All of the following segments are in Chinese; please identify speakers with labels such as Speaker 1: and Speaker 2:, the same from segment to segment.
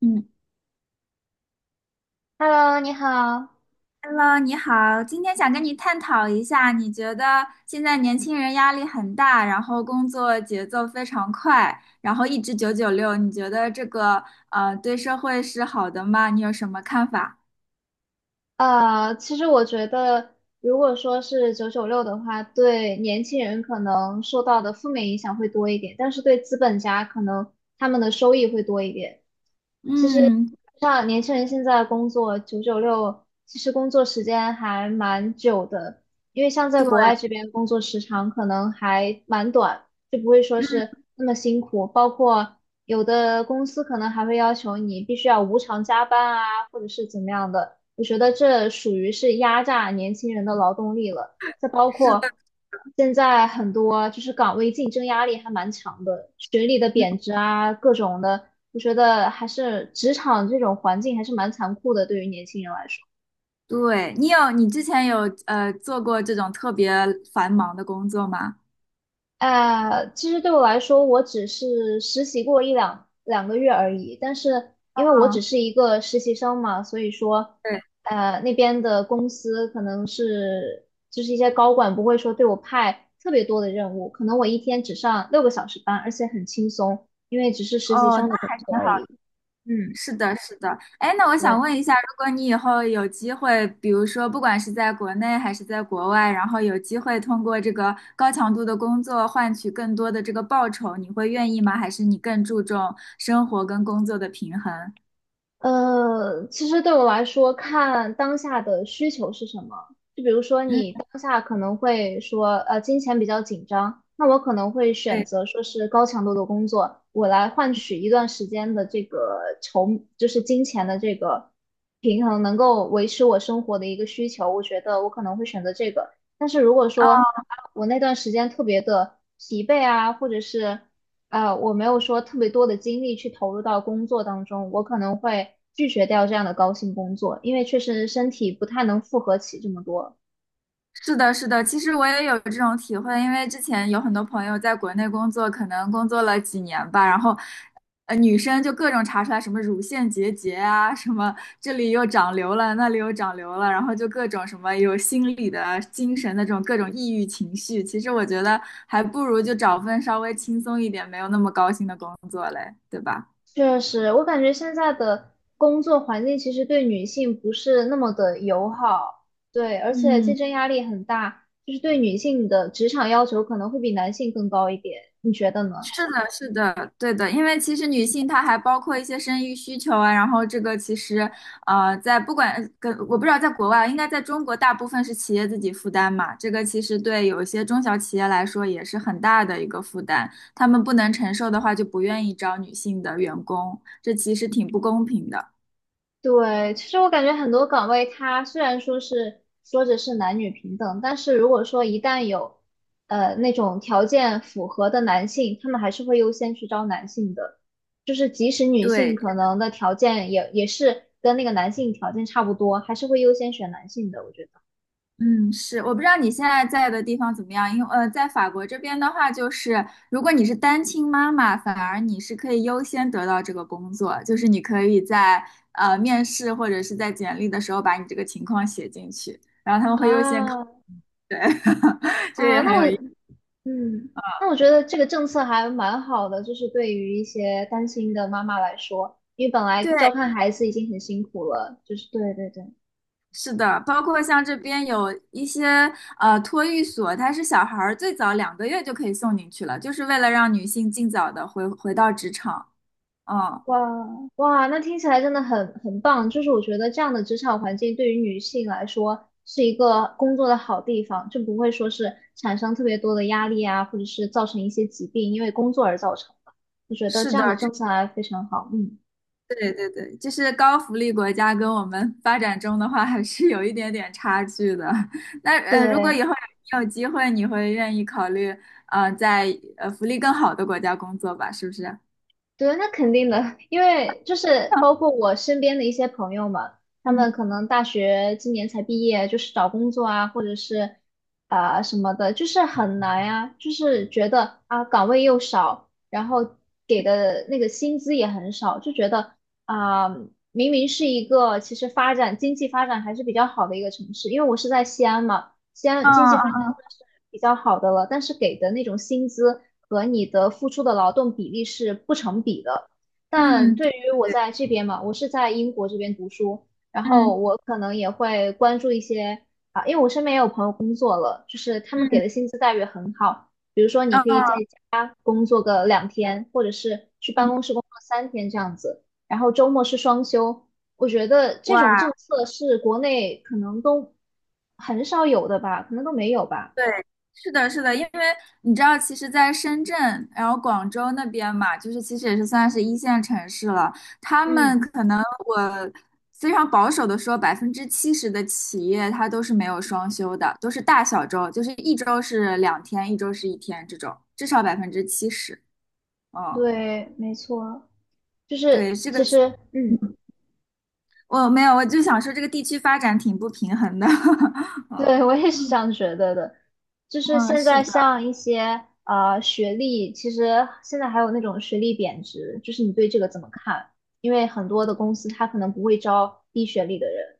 Speaker 1: 嗯。
Speaker 2: Hello，你好。
Speaker 1: Hello，你好，今天想跟你探讨一下，你觉得现在年轻人压力很大，然后工作节奏非常快，然后一直九九六，你觉得这个对社会是好的吗？你有什么看法？
Speaker 2: 其实我觉得，如果说是九九六的话，对年轻人可能受到的负面影响会多一点，但是对资本家可能他们的收益会多一点。
Speaker 1: 嗯，
Speaker 2: 像年轻人现在工作九九六，其实工作时间还蛮久的，因为像在
Speaker 1: 对，
Speaker 2: 国外这边工作时长可能还蛮短，就不会说是那么辛苦。包括有的公司可能还会要求你必须要无偿加班啊，或者是怎么样的。我觉得这属于是压榨年轻人的劳动力了。再包
Speaker 1: 是的，
Speaker 2: 括现在很多就是岗位竞争压力还蛮强的，学历的贬值啊，各种的。我觉得还是职场这种环境还是蛮残酷的，对于年轻人来说。
Speaker 1: 对，你之前有做过这种特别繁忙的工作吗？
Speaker 2: 其实对我来说，我只是实习过两个月而已，但是因为我只
Speaker 1: 嗯，
Speaker 2: 是一个实习生嘛，所以说，
Speaker 1: 对，
Speaker 2: 那边的公司可能是就是一些高管不会说对我派特别多的任务，可能我一天只上六个小时班，而且很轻松，因为只是实习
Speaker 1: 哦，那
Speaker 2: 生的工作
Speaker 1: 还。
Speaker 2: 而已。嗯，
Speaker 1: 是的，是的。哎，那我想
Speaker 2: 对。
Speaker 1: 问一下，如果你以后有机会，比如说不管是在国内还是在国外，然后有机会通过这个高强度的工作换取更多的这个报酬，你会愿意吗？还是你更注重生活跟工作的平衡？
Speaker 2: 其实对我来说，看当下的需求是什么。就比如说，
Speaker 1: 嗯，
Speaker 2: 你当下可能会说，金钱比较紧张，那我可能会选
Speaker 1: 对，
Speaker 2: 择说是高强度的工作，我来换取一段时间的这个筹，就是金钱的这个平衡，能够维持我生活的一个需求。我觉得我可能会选择这个。但是如果说
Speaker 1: 哦，
Speaker 2: 啊，我那段时间特别的疲惫啊，或者是我没有说特别多的精力去投入到工作当中，我可能会拒绝掉这样的高薪工作，因为确实身体不太能负荷起这么多。
Speaker 1: 是的，是的，其实我也有这种体会，因为之前有很多朋友在国内工作，可能工作了几年吧，然后，女生就各种查出来什么乳腺结节啊，什么这里又长瘤了，那里又长瘤了，然后就各种什么有心理的、精神的这种各种抑郁情绪。其实我觉得还不如就找份稍微轻松一点、没有那么高薪的工作嘞，对吧？
Speaker 2: 确实，我感觉现在的工作环境其实对女性不是那么的友好，对，而且竞
Speaker 1: 嗯，
Speaker 2: 争压力很大，就是对女性的职场要求可能会比男性更高一点，你觉得呢？
Speaker 1: 是的，是的，对的，因为其实女性她还包括一些生育需求啊，然后这个其实，在不管跟我不知道在国外，应该在中国大部分是企业自己负担嘛，这个其实对有一些中小企业来说也是很大的一个负担，他们不能承受的话就不愿意招女性的员工，这其实挺不公平的。
Speaker 2: 对，其实我感觉很多岗位，它虽然说是说着是男女平等，但是如果说一旦有那种条件符合的男性，他们还是会优先去招男性的。就是即使女性
Speaker 1: 对，
Speaker 2: 可能的条件也是跟那个男性条件差不多，还是会优先选男性的，我觉得。
Speaker 1: 嗯，是，我不知道你现在在的地方怎么样，因为在法国这边的话，就是如果你是单亲妈妈，反而你是可以优先得到这个工作，就是你可以在面试或者是在简历的时候把你这个情况写进去，然后他们会优先考，
Speaker 2: 啊
Speaker 1: 对，这
Speaker 2: 啊，
Speaker 1: 也很
Speaker 2: 那我
Speaker 1: 有意思。
Speaker 2: 嗯，那我觉得这个政策还蛮好的，就是对于一些单亲的妈妈来说，因为本来照
Speaker 1: 对，
Speaker 2: 看孩子已经很辛苦了，就是对对对。
Speaker 1: 是的，包括像这边有一些托育所，它是小孩儿最早2个月就可以送进去了，就是为了让女性尽早的回到职场。嗯，
Speaker 2: 哇哇，那听起来真的很棒。就是我觉得这样的职场环境对于女性来说是一个工作的好地方，就不会说是产生特别多的压力啊，或者是造成一些疾病，因为工作而造成的。我觉得
Speaker 1: 是
Speaker 2: 这
Speaker 1: 的，
Speaker 2: 样的政策还非常好。嗯，
Speaker 1: 对对对，就是高福利国家跟我们发展中的话，还是有一点点差距的。那如果
Speaker 2: 对。
Speaker 1: 以后你有机会，你会愿意考虑在福利更好的国家工作吧？是不是？
Speaker 2: 对，那肯定的，因为就是包括我身边的一些朋友们，他们
Speaker 1: 嗯，
Speaker 2: 可能大学今年才毕业，就是找工作啊，或者是啊、什么的，就是很难呀、就是觉得啊岗位又少，然后给的那个薪资也很少，就觉得啊、明明是一个其实发展经济发展还是比较好的一个城市，因为我是在西安嘛。西安经济
Speaker 1: 嗯
Speaker 2: 发展
Speaker 1: 嗯
Speaker 2: 算是比较好的了，但是给的那种薪资和你的付出的劳动比例是不成比的。但
Speaker 1: 嗯嗯，
Speaker 2: 对
Speaker 1: 对
Speaker 2: 于我
Speaker 1: 对对，
Speaker 2: 在这边嘛，我是在英国这边读书，然后
Speaker 1: 嗯
Speaker 2: 我可能也会关注一些啊，因为我身边也有朋友工作了，就是他们给
Speaker 1: 嗯，
Speaker 2: 的薪资待遇很好，比如说你
Speaker 1: 嗯
Speaker 2: 可以
Speaker 1: 嗯，
Speaker 2: 在家工作个两天，或者是去办
Speaker 1: 嗯。
Speaker 2: 公室工作三天这样子，然后周末是双休，我觉得这种政策是国内可能都很少有的吧，可能都没有吧。
Speaker 1: 对，是的，是的，因为你知道，其实，在深圳，然后广州那边嘛，就是其实也是算是一线城市了。他们
Speaker 2: 嗯，
Speaker 1: 可能我非常保守的说，百分之七十的企业它都是没有双休的，都是大小周，就是一周是2天，一周是一天这种，至少百分之七十。嗯，
Speaker 2: 对，没错，就是
Speaker 1: 对，这个
Speaker 2: 其实，嗯，
Speaker 1: 我没有，我就想说这个地区发展挺不平衡的。
Speaker 2: 对，
Speaker 1: 嗯
Speaker 2: 我也是这样觉得的。就是
Speaker 1: 嗯，
Speaker 2: 现
Speaker 1: 是
Speaker 2: 在
Speaker 1: 的。
Speaker 2: 像一些啊学历，其实现在还有那种学历贬值，就是你对这个怎么看？因为很多的公司它可能不会招低学历的人。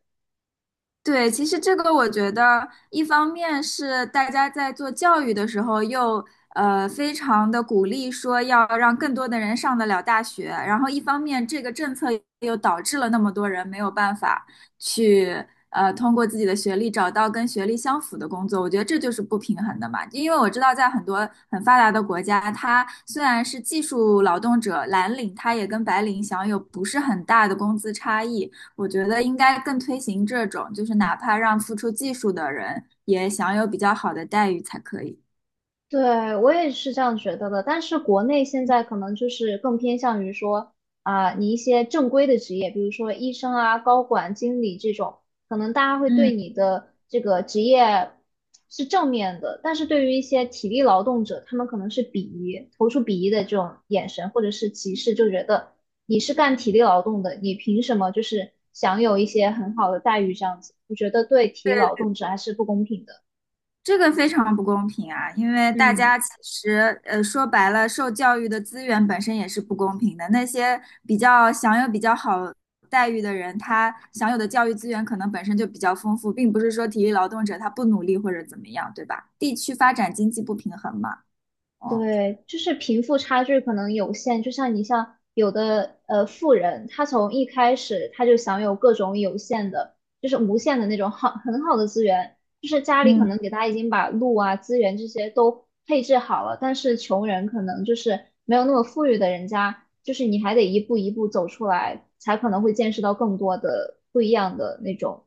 Speaker 1: 对，其实这个我觉得，一方面是大家在做教育的时候又，非常的鼓励说要让更多的人上得了大学，然后一方面这个政策又导致了那么多人没有办法去通过自己的学历找到跟学历相符的工作，我觉得这就是不平衡的嘛。因为我知道在很多很发达的国家，它虽然是技术劳动者蓝领，它也跟白领享有不是很大的工资差异。我觉得应该更推行这种，就是哪怕让付出技术的人也享有比较好的待遇才可以。
Speaker 2: 对，我也是这样觉得的，但是国内现在可能就是更偏向于说啊、你一些正规的职业，比如说医生啊、高管、经理这种，可能大家会
Speaker 1: 嗯，
Speaker 2: 对你的这个职业是正面的，但是对于一些体力劳动者，他们可能是鄙夷，投出鄙夷的这种眼神或者是歧视，就觉得你是干体力劳动的，你凭什么就是享有一些很好的待遇这样子？我觉得对体力
Speaker 1: 对，
Speaker 2: 劳动者还是不公平的。
Speaker 1: 这个非常不公平啊，因为大
Speaker 2: 嗯。
Speaker 1: 家其实，说白了，受教育的资源本身也是不公平的。那些比较享有比较好待遇的人，他享有的教育资源可能本身就比较丰富，并不是说体力劳动者他不努力或者怎么样，对吧？地区发展经济不平衡嘛，哦，
Speaker 2: 对，就是贫富差距可能有限，就像你像有的富人，他从一开始他就享有各种有限的，就是无限的那种好很好的资源，就是家里可
Speaker 1: 嗯。
Speaker 2: 能给他已经把路啊资源这些都配置好了，但是穷人可能就是没有那么富裕的人家，就是你还得一步一步走出来，才可能会见识到更多的不一样的那种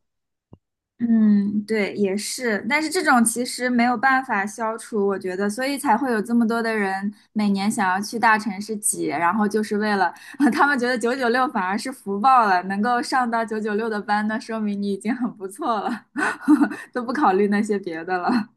Speaker 1: 嗯，对，也是，但是这种其实没有办法消除，我觉得，所以才会有这么多的人每年想要去大城市挤，然后就是为了，他们觉得996反而是福报了，能够上到九九六的班，那说明你已经很不错了，都不考虑那些别的了。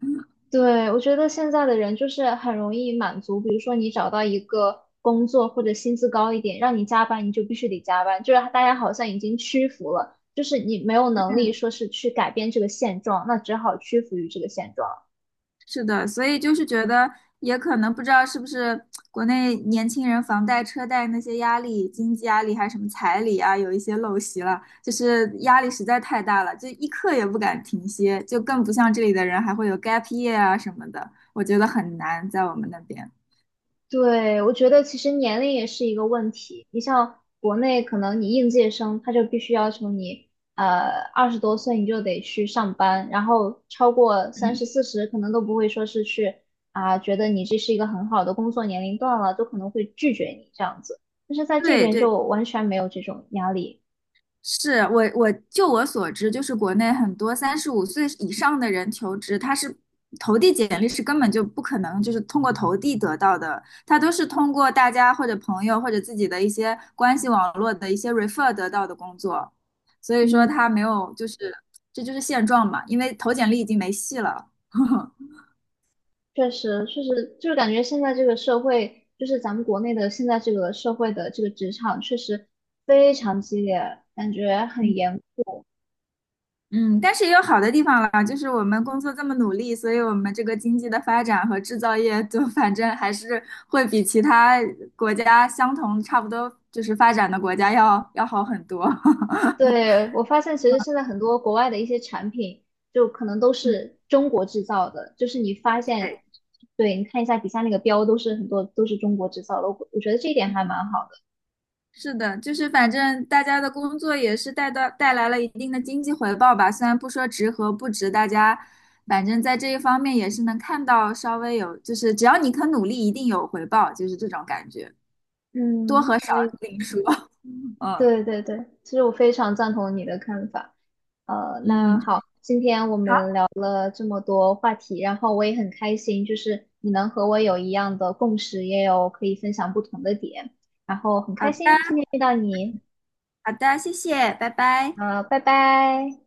Speaker 2: 对，我觉得现在的人就是很容易满足，比如说你找到一个工作或者薪资高一点，让你加班，你就必须得加班，就是大家好像已经屈服了，就是你没有能力说是去改变这个现状，那只好屈服于这个现状。
Speaker 1: 是的，所以就是觉得，也可能不知道是不是国内年轻人房贷、车贷那些压力、经济压力还是什么彩礼啊，有一些陋习了，就是压力实在太大了，就一刻也不敢停歇，就更不像这里的人还会有 gap year 啊什么的，我觉得很难在我们那边。
Speaker 2: 对，我觉得其实年龄也是一个问题。你像国内，可能你应届生他就必须要求你，二十多岁你就得去上班，然后超过三
Speaker 1: 嗯，
Speaker 2: 十四十，可能都不会说是去啊、觉得你这是一个很好的工作年龄段了，都可能会拒绝你这样子。但是在这
Speaker 1: 对
Speaker 2: 边
Speaker 1: 对，
Speaker 2: 就完全没有这种压力。
Speaker 1: 是我就我所知，就是国内很多35岁以上的人求职，他是投递简历是根本就不可能，就是通过投递得到的，他都是通过大家或者朋友或者自己的一些关系网络的一些 refer 得到的工作，所以说
Speaker 2: 嗯，
Speaker 1: 他没有，就是这就是现状嘛，因为投简历已经没戏了。
Speaker 2: 确实，确实，就是感觉现在这个社会，就是咱们国内的现在这个社会的这个职场，确实非常激烈，感觉很严。
Speaker 1: 嗯，但是也有好的地方了，就是我们工作这么努力，所以我们这个经济的发展和制造业就 反正还是会比其他国家相同差不多就是发展的国家要好很多。
Speaker 2: 对，我发现其实现在很多国外的一些产品，就可能都
Speaker 1: 嗯，
Speaker 2: 是中国制造的，就是你发现，
Speaker 1: 对，
Speaker 2: 对，你看一下底下那个标，都是很多都是中国制造的，我觉得这一点还蛮好的。
Speaker 1: 是的，就是反正大家的工作也是带来了一定的经济回报吧，虽然不说值和不值，大家反正在这一方面也是能看到稍微有，就是只要你肯努力，一定有回报，就是这种感觉，多
Speaker 2: 嗯，
Speaker 1: 和少
Speaker 2: 我也
Speaker 1: 另说。嗯。
Speaker 2: 对对对，其实我非常赞同你的看法。那
Speaker 1: 嗯，
Speaker 2: 好，今天我们
Speaker 1: 好
Speaker 2: 聊了这么多话题，然后我也很开心，就是你能和我有一样的共识，也有可以分享不同的点，然后很
Speaker 1: 好
Speaker 2: 开
Speaker 1: 的
Speaker 2: 心今天遇到你。
Speaker 1: 好的，谢谢，拜拜。
Speaker 2: 拜拜。